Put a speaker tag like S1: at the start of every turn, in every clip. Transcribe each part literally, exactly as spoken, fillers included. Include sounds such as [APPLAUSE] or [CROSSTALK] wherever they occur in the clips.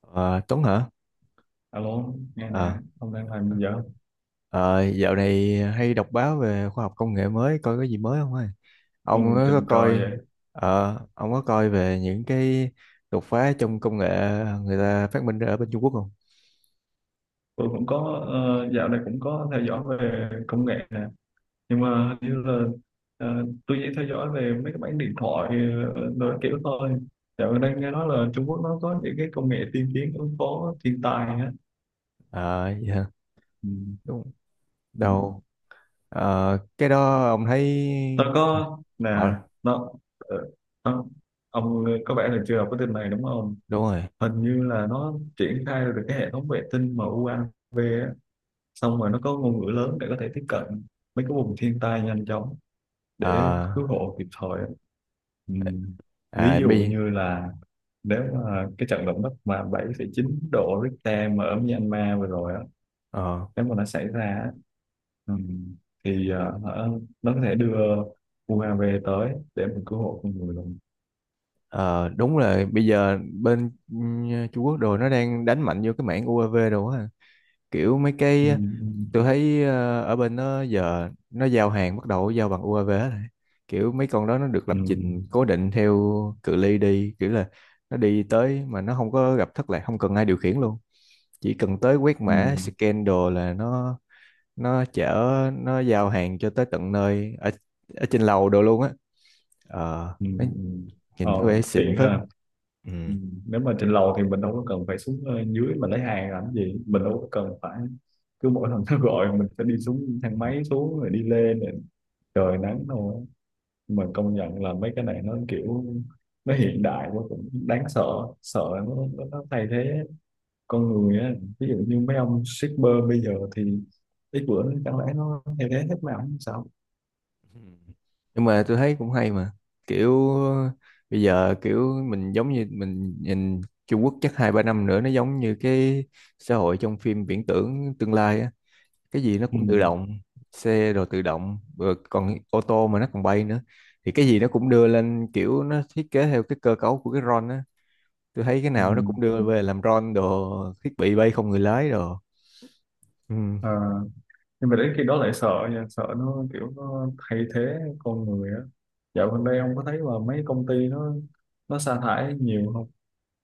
S1: Ờ, Tuấn hả?
S2: Alo, nghe nè,
S1: Ờ,
S2: ông đang làm gì vậy?
S1: ờ, Dạo này hay đọc báo về khoa học công nghệ mới, coi có gì mới không ơi? Ông
S2: Ông
S1: có
S2: tình cờ
S1: coi,
S2: vậy.
S1: ờ, ông có coi về những cái đột phá trong công nghệ người ta phát minh ra ở bên Trung Quốc không?
S2: Tôi cũng có, ờ, dạo này cũng có theo dõi về công nghệ nè. Nhưng mà hình như là ờ, tôi chỉ theo dõi về mấy cái bản điện thoại ờ, đồ kiểu thôi. Dạo này đang nghe nói là Trung Quốc nó có những cái công nghệ tiên tiến ứng phó thiên tai á.
S1: Ờ, dạ,
S2: Ừ.
S1: đúng,
S2: Ừ.
S1: đâu, Ờ, cái đó ông thấy,
S2: Tôi có, nè,
S1: họ,
S2: nó, ờ, ông ông có vẻ là chưa đọc cái tin này đúng không?
S1: đúng rồi.
S2: Hình như là nó triển khai được cái hệ thống vệ tinh mà em u a vê xong rồi nó có ngôn ngữ lớn để có thể tiếp cận mấy cái vùng thiên tai nhanh chóng để
S1: Ờ,
S2: cứu hộ kịp thời á. Ừ. Ví
S1: à,
S2: dụ
S1: bây,
S2: như là nếu mà cái trận động đất mà bảy phẩy chín độ Richter mà ở Myanmar vừa rồi á,
S1: ờ,
S2: nếu mà nó xảy ra á, ừ, thì ờ, hả, nó có thể đưa u a vê tới để mình cứu hộ con người luôn.
S1: ờ, Đúng là bây giờ bên ừ, Trung Quốc đồ nó đang đánh mạnh vô cái mảng diu ây vi đồ á, kiểu mấy
S2: Ừ,
S1: cái tôi thấy ờ, ở bên nó giờ nó giao hàng bắt đầu giao bằng u a vê hết rồi. Kiểu mấy con đó nó được lập
S2: ừ, ừ,
S1: trình cố định theo cự ly đi, kiểu là nó đi tới mà nó không có gặp thất lạc, không cần ai điều khiển luôn, chỉ cần tới quét
S2: ừ,
S1: mã scan đồ là nó nó chở, nó giao hàng cho tới tận nơi ở, ở trên lầu đồ luôn á. Ờ
S2: ừ.
S1: nó
S2: Ừ. Ờ,
S1: Nhìn có vẻ xịn
S2: tiện
S1: phết.
S2: ha. Ừ, nếu mà trên lầu thì mình đâu có cần phải xuống ờ, dưới mà lấy hàng làm gì, mình đâu có cần phải cứ mỗi lần nó gọi mình phải đi xuống thang
S1: Ừ.
S2: máy xuống rồi đi lên rồi trời nắng thôi. Nhưng mà công nhận là mấy cái này nó kiểu nó hiện đại quá cũng đáng sợ, sợ nó, nó, nó thay thế con người á, ví dụ như mấy ông shipper bây giờ thì ít bữa nữa chẳng lẽ nó thay thế hết mà không sao.
S1: Ừ. Nhưng mà tôi thấy cũng hay mà, kiểu bây giờ kiểu mình giống như mình nhìn Trung Quốc chắc hai ba năm nữa nó giống như cái xã hội trong phim viễn tưởng tương lai á, cái gì nó
S2: Ừ.
S1: cũng tự động, xe rồi tự động rồi còn ô tô mà nó còn bay nữa, thì cái gì nó cũng đưa lên, kiểu nó thiết kế theo cái cơ cấu của cái drone á. Tôi thấy cái
S2: Ừ.
S1: nào nó cũng đưa về làm drone đồ, thiết bị bay không người lái đồ. ừ
S2: À, nhưng mà đến khi đó lại sợ nha, sợ nó kiểu nó thay thế con người á. Dạo gần đây ông có thấy là mấy công ty nó nó sa thải nhiều không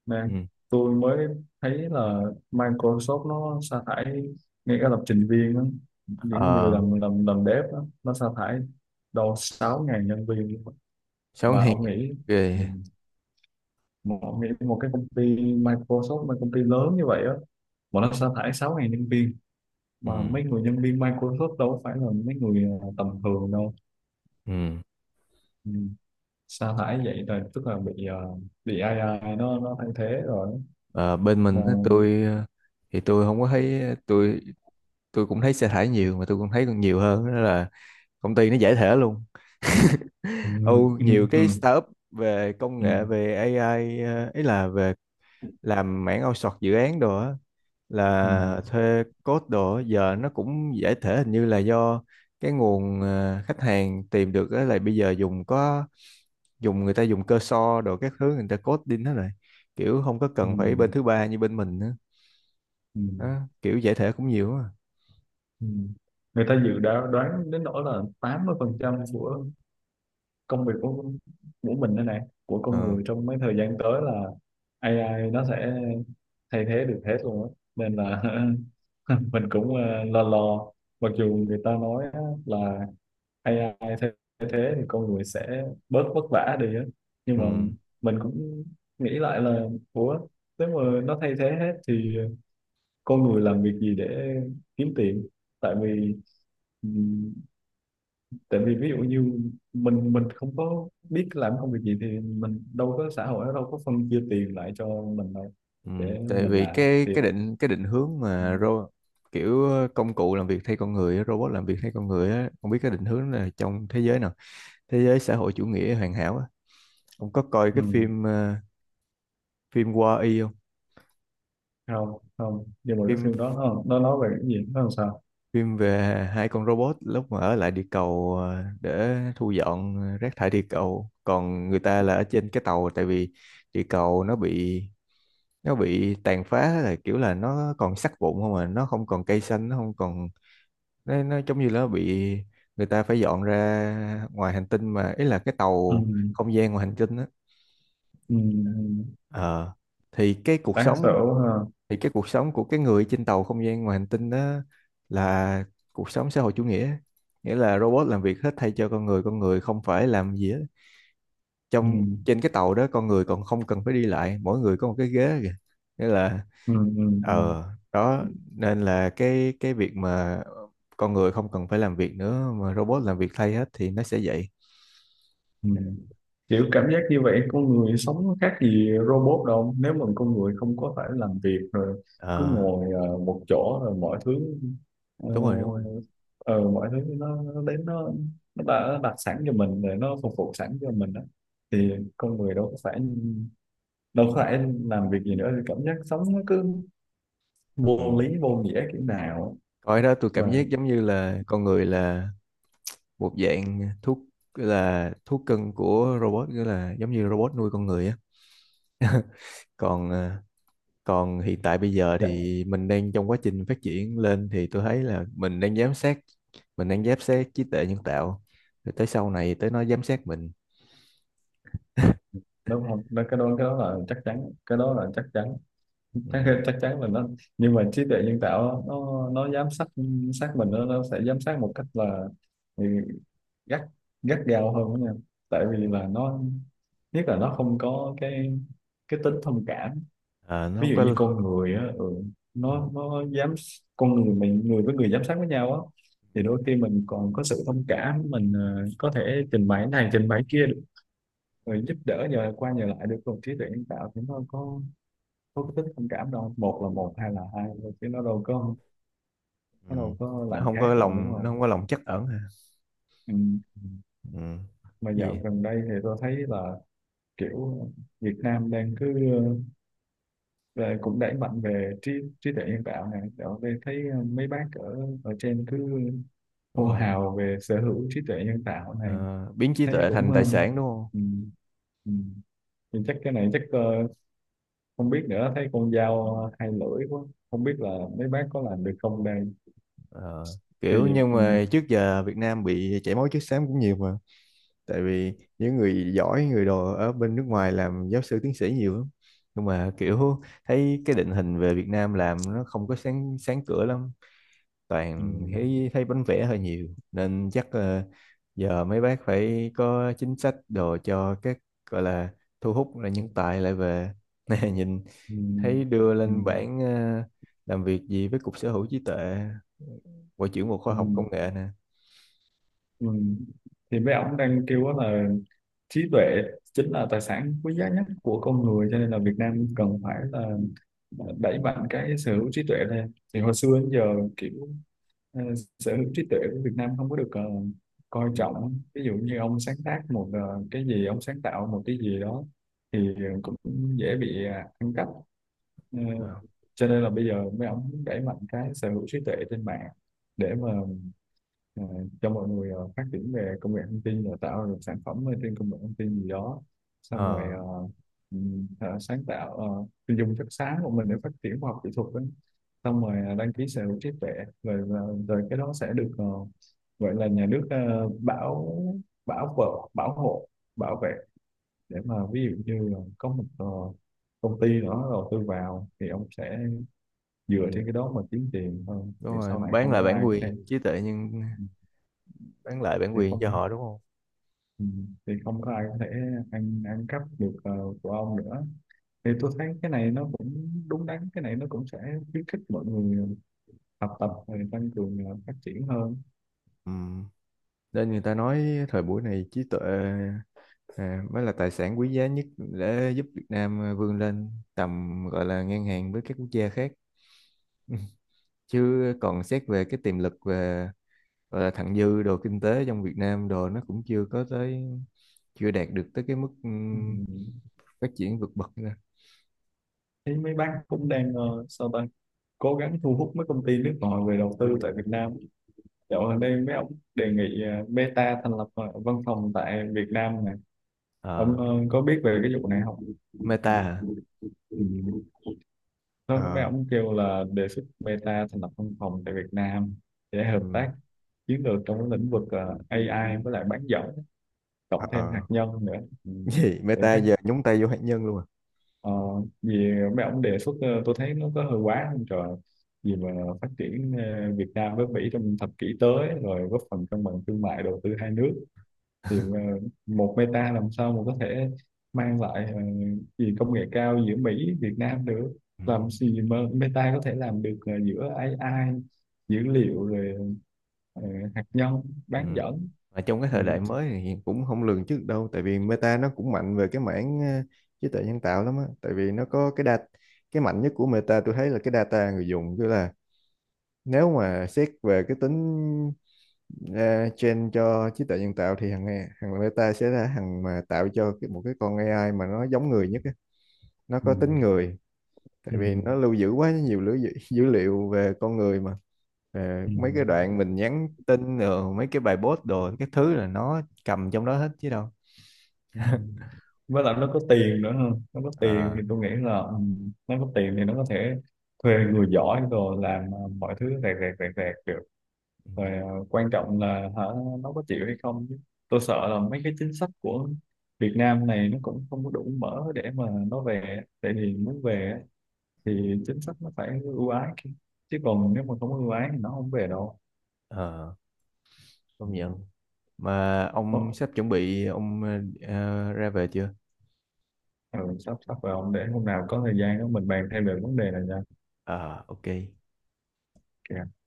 S2: nè?
S1: ừ
S2: Tôi mới thấy là Microsoft nó sa thải ngay cả lập trình viên á, những người
S1: ờ
S2: làm làm làm dev á, nó sa thải đâu sáu ngàn nhân viên luôn á.
S1: Sao
S2: Mà
S1: hèn
S2: ông nghĩ, ừ,
S1: ghê.
S2: mà ông nghĩ một cái công ty Microsoft, một công ty lớn như vậy á, mà nó sa thải sáu ngàn nhân viên,
S1: ừ
S2: mà mấy người nhân viên Microsoft đâu có phải là mấy người ờ, tầm thường đâu.
S1: ừ
S2: Ừ. Sa thải vậy là tức là bị ờ, bị a i nó nó thay thế rồi,
S1: Ờ, Bên
S2: mà
S1: mình á, tôi ờ, thì tôi không có thấy. Ờ, tôi tôi cũng thấy xe thải nhiều mà tôi cũng thấy còn nhiều hơn đó là công ty nó giải thể luôn.
S2: ừ,
S1: [LAUGHS]
S2: ừ,
S1: Âu
S2: ừ,
S1: nhiều
S2: ừ,
S1: cái startup về công nghệ
S2: ừ,
S1: về a i, ờ, ấy là về làm mảng outsource dự án đồ á,
S2: ừ,
S1: là
S2: ừ,
S1: thuê code đồ á, giờ nó cũng giải thể, hình như là do cái nguồn ờ, khách hàng tìm được á là bây giờ dùng có dùng người ta dùng cơ so đồ các thứ, người ta code đi hết rồi, kiểu không có
S2: ừ.
S1: cần phải bên thứ ba như bên mình nữa.
S2: Ừ,
S1: Đó, kiểu giải thể cũng nhiều quá.
S2: ừ. Người ta dự đoán đoán đến nỗi là tám mươi phần trăm của công việc của của mình đây này, của con
S1: Ờ,
S2: người trong mấy thời gian tới là a i nó sẽ thay thế được hết luôn á, nên là [LAUGHS] mình cũng ờ, lo lo. Mặc dù người ta nói á, là a i thay thay thế thì con người sẽ bớt vất vả đi á, nhưng
S1: ừ,
S2: mà mình cũng nghĩ lại là ủa, nếu mà nó thay thế hết thì con người làm việc gì để kiếm tiền? Tại vì tại vì ví dụ như mình mình không có biết làm công việc gì thì mình đâu có, xã hội nó đâu có phân chia tiền lại cho mình đâu
S1: ừ.
S2: để
S1: Tại
S2: mình
S1: vì
S2: làm.
S1: cái
S2: Thì
S1: cái định cái định hướng mà ro, kiểu công cụ làm việc thay con người á, robot làm việc thay con người á, không biết cái định hướng là trong thế giới nào, thế giới xã hội chủ nghĩa hoàn hảo á. Ông có coi
S2: ừ,
S1: cái phim ờ, phim Wall-E không?
S2: không, không, nhưng mà cái
S1: Phim
S2: phim đó nó nó nói về cái gì, nó làm sao?
S1: Phim về hai con robot lúc mà ở lại địa cầu ờ, để thu dọn rác thải địa cầu, còn người ta là ở trên cái tàu, tại vì địa cầu nó bị nó bị tàn phá, là kiểu là nó còn sắt vụn không à, nó không còn cây xanh, nó không còn, nó, nó giống như là nó bị, người ta phải dọn ra ngoài hành tinh mà ý là cái
S2: Ừ,
S1: tàu không gian ngoài hành tinh á.
S2: ừ, ừ,
S1: Ờ, thì cái cuộc
S2: đáng sợ
S1: sống
S2: ha.
S1: thì cái cuộc sống của cái người trên tàu không gian ngoài hành tinh đó là cuộc sống xã hội chủ nghĩa, nghĩa là robot làm việc hết thay cho con người, con người không phải làm gì hết,
S2: Ừ,
S1: trong trên cái tàu đó con người còn không cần phải đi lại, mỗi người có một cái ghế kìa, nghĩa là
S2: ừ, ừ, ừ.
S1: ờ, đó, nên là cái cái việc mà con người không cần phải làm việc nữa mà robot làm việc thay hết thì nó sẽ vậy.
S2: Ừ. Kiểu cảm giác như vậy con người sống nó khác gì robot đâu, nếu mà con người không có phải làm việc rồi cứ
S1: ờ
S2: ngồi ờ, một chỗ rồi mọi thứ, ờ,
S1: Đúng rồi, đúng rồi.
S2: ờ, mọi thứ nó, nó đến, nó nó đặt, nó đặt sẵn cho mình rồi, nó phục vụ sẵn cho mình đó, thì con người đâu có phải đâu có phải làm việc gì nữa, thì cảm giác sống nó cứ
S1: Ừ.
S2: vô lý vô nghĩa kiểu nào.
S1: Coi đó tôi
S2: Mà
S1: cảm giác giống như là con người là một dạng thuốc, là thuốc cưng của robot, nghĩa là giống như robot nuôi con người á. [LAUGHS] còn ờ, Còn hiện tại bây giờ
S2: dạ
S1: thì mình đang trong quá trình phát triển lên, thì tôi thấy là mình đang giám sát mình đang giám sát trí tuệ nhân tạo, rồi tới sau này tới nó giám sát mình.
S2: đúng không đó, cái đó cái đó là chắc chắn, cái đó là chắc chắn, chắc
S1: Ừ.
S2: chắc chắn là nó, nhưng mà trí tuệ nhân tạo nó nó giám sát sát mình, nó, nó sẽ giám sát một cách là ừ, gắt, gắt gao hơn đó nha. Tại vì là nó, nhất là nó không có cái cái tính thông cảm,
S1: Ờ, nó
S2: ví
S1: không
S2: dụ như
S1: có.
S2: con người á, ừ,
S1: Ừ.
S2: nó nó dám con người mình, người với người giám sát với nhau á, thì đôi khi mình còn có sự thông cảm, mình ờ, có thể trình bày này trình bày kia được, rồi giúp đỡ nhờ qua nhờ lại được, còn trí tuệ nhân tạo thì nó có có cái tính thông cảm đâu, một là một hai là hai thôi, chứ nó đâu có,
S1: Ừ.
S2: nó đâu có
S1: nó
S2: làm
S1: không
S2: khác
S1: có
S2: đâu, đúng
S1: lòng nó
S2: không?
S1: không có lòng trắc ẩn hả.
S2: Ừ.
S1: Ừ.
S2: Mà dạo
S1: Gì?
S2: gần đây thì tôi thấy là kiểu Việt Nam đang cứ ờ, ờ, cũng đẩy mạnh về trí, trí tuệ nhân tạo này, dạo đây thấy ờ, mấy bác ở ở trên cứ
S1: Đúng
S2: hô
S1: rồi.
S2: hào về sở hữu trí tuệ nhân tạo này,
S1: Ờ, biến trí
S2: thấy
S1: tuệ
S2: cũng
S1: thành
S2: ờ,
S1: tài sản đúng không.
S2: ừ. Ừ. Thì chắc cái này chắc ờ, không biết nữa, thấy con dao hai lưỡi quá, không biết là mấy bác có làm được không đây.
S1: Ờ,
S2: Thì
S1: kiểu nhưng
S2: ừ.
S1: mà trước giờ Việt Nam bị chảy máu chất xám cũng nhiều mà, tại vì những người giỏi người đồ ở bên nước ngoài làm giáo sư tiến sĩ nhiều lắm, nhưng mà kiểu thấy cái định hình về Việt Nam làm nó không có sáng sáng cửa lắm,
S2: Ừ.
S1: toàn thấy thấy bánh vẽ hơi nhiều nên chắc ờ, giờ mấy bác phải có chính sách đồ cho các gọi là thu hút là nhân tài lại về. [LAUGHS] Nè nhìn
S2: Ừ,
S1: thấy đưa
S2: ừ,
S1: lên bảng ờ, làm việc gì với cục sở hữu trí tuệ, Bộ trưởng Bộ Khoa
S2: ừ,
S1: học Công nghệ nè.
S2: ừ. Thì mấy ông đang kêu á là trí tuệ chính là tài sản quý giá nhất của con người, cho nên là Việt Nam cần phải là đẩy mạnh cái sở hữu trí tuệ lên. Thì hồi xưa đến giờ kiểu ờ, sở hữu trí tuệ của Việt Nam không có được ờ, coi
S1: Ừ.
S2: trọng, ví dụ như ông sáng tác một ờ, cái gì, ông sáng tạo một cái gì đó thì cũng dễ bị ờ, ăn cắp. Ờ,
S1: Ờ.
S2: cho nên là bây giờ mấy ông muốn đẩy mạnh cái sở hữu trí tuệ trên mạng, để mà ờ, cho mọi người ờ, phát triển về công nghệ thông tin rồi tạo ra sản phẩm ở trên công nghệ thông tin gì đó, xong rồi
S1: Ờ.
S2: ờ, ừm, ờ, sáng tạo ờ, thì dùng chất sáng của mình để phát triển khoa học kỹ thuật ấy. Xong rồi ờ, đăng ký sở hữu trí tuệ, rồi ờ, rồi cái đó sẽ được ờ, gọi là nhà nước ờ, bảo, bảo vợ, bảo hộ, bảo vệ, để mà ví dụ như là có một ờ, công ty đó đầu tư vào thì ông sẽ
S1: Ừ.
S2: dựa trên cái đó mà kiếm tiền hơn,
S1: Đúng
S2: thì
S1: rồi,
S2: sau này
S1: bán
S2: không
S1: lại
S2: có
S1: bản
S2: ai có thể,
S1: quyền trí tuệ, nhưng bán lại bản
S2: thì
S1: quyền cho
S2: không,
S1: họ đúng không.
S2: ừ, thì không có ai có thể ăn ăn cắp được ờ, của ông nữa. Thì tôi thấy cái này nó cũng đúng đắn, cái này nó cũng sẽ khuyến khích mọi người học tập rồi tăng cường ờ, phát triển hơn.
S1: Ừ. Nên người ta nói thời buổi này trí tuệ à, mới là tài sản quý giá nhất để giúp Việt Nam vươn lên tầm, gọi là ngang hàng với các quốc gia khác. [LAUGHS] Chứ còn xét về cái tiềm lực về, gọi là thặng dư đồ kinh tế trong Việt Nam đồ, nó cũng chưa có tới, chưa đạt được tới cái mức
S2: Ừ.
S1: ừm, phát triển vượt bậc nữa.
S2: Thấy mấy bác cũng đang ờ, sao ta, cố gắng thu hút mấy công ty nước ngoài về đầu tư tại Việt Nam. Dạo gần đây mấy ông đề nghị ờ, Meta thành lập ờ, văn phòng tại Việt Nam này. Ông
S1: Ờ,
S2: ờ, có biết về cái vụ này không?
S1: Meta hả?
S2: Ừ. Nó mấy
S1: Ờ,
S2: ông kêu là đề xuất Meta thành lập văn phòng tại Việt Nam để hợp
S1: ừ.
S2: tác chiến lược trong cái lĩnh vực ờ, a i với lại bán dẫn, cộng thêm
S1: Ờ.
S2: hạt nhân nữa. Ừ.
S1: Gì
S2: Để
S1: Meta
S2: phát
S1: giờ nhúng tay vô hạt nhân luôn à?
S2: ờ, vì mấy ông đề xuất ờ, tôi thấy nó có hơi quá không trời, vì mà phát triển ờ, Việt Nam với Mỹ trong thập kỷ tới rồi góp phần cân bằng thương mại đầu tư hai nước, thì ờ, một Meta làm sao mà có thể mang lại ờ, gì công nghệ cao giữa Mỹ Việt Nam được,
S1: Ừ.
S2: làm gì mà Meta có thể làm được ờ, giữa ây ai, dữ liệu, rồi ờ, hạt nhân,
S1: Ừ.
S2: bán dẫn.
S1: Mà trong cái
S2: Ừ.
S1: thời đại mới thì cũng không lường trước đâu, tại vì Meta nó cũng mạnh về cái mảng ờ, trí tuệ nhân tạo lắm á, tại vì nó có cái data. Cái mạnh nhất của Meta tôi thấy là cái data người dùng, tức là nếu mà xét về cái tính uh, train cho trí tuệ nhân tạo thì thằng A- thằng Meta sẽ là thằng mà tạo cho cái, một cái con a i mà nó giống người nhất á. Nó
S2: Ừ.
S1: có tính người, tại
S2: Ừ.
S1: vì nó lưu giữ quá nhiều dữ, dữ, [LAUGHS] dữ liệu về con người mà. Ờ.
S2: Ừ.
S1: Mấy cái đoạn mình nhắn tin rồi mấy cái bài post đồ, cái thứ là nó cầm trong đó hết chứ đâu.
S2: Ừ. Với lại nó có tiền nữa hơn, nó có tiền
S1: Ờ,
S2: thì tôi nghĩ là ừ, nó có tiền thì nó có thể thuê người giỏi rồi làm ờ, mọi thứ rẹt rẹt rẹt rẹt được,
S1: ừ,
S2: rồi ờ, quan trọng là hả nó có chịu hay không chứ. Tôi sợ là mấy cái chính sách của Việt Nam này nó cũng không có đủ mở để mà nó về, tại vì muốn về á, thì chính sách nó phải ưu ái chứ. Chứ còn nếu mà không ưu ái thì nó không về đâu.
S1: ờ,
S2: Ừ.
S1: Công nhận. Mà
S2: Ồ,
S1: ông sắp chuẩn bị ông ờ, ra về chưa?
S2: ừ, sắp sắp vào, để hôm nào có thời gian đó mình bàn thêm về vấn đề này nha.
S1: Ờ, ok.
S2: Ok.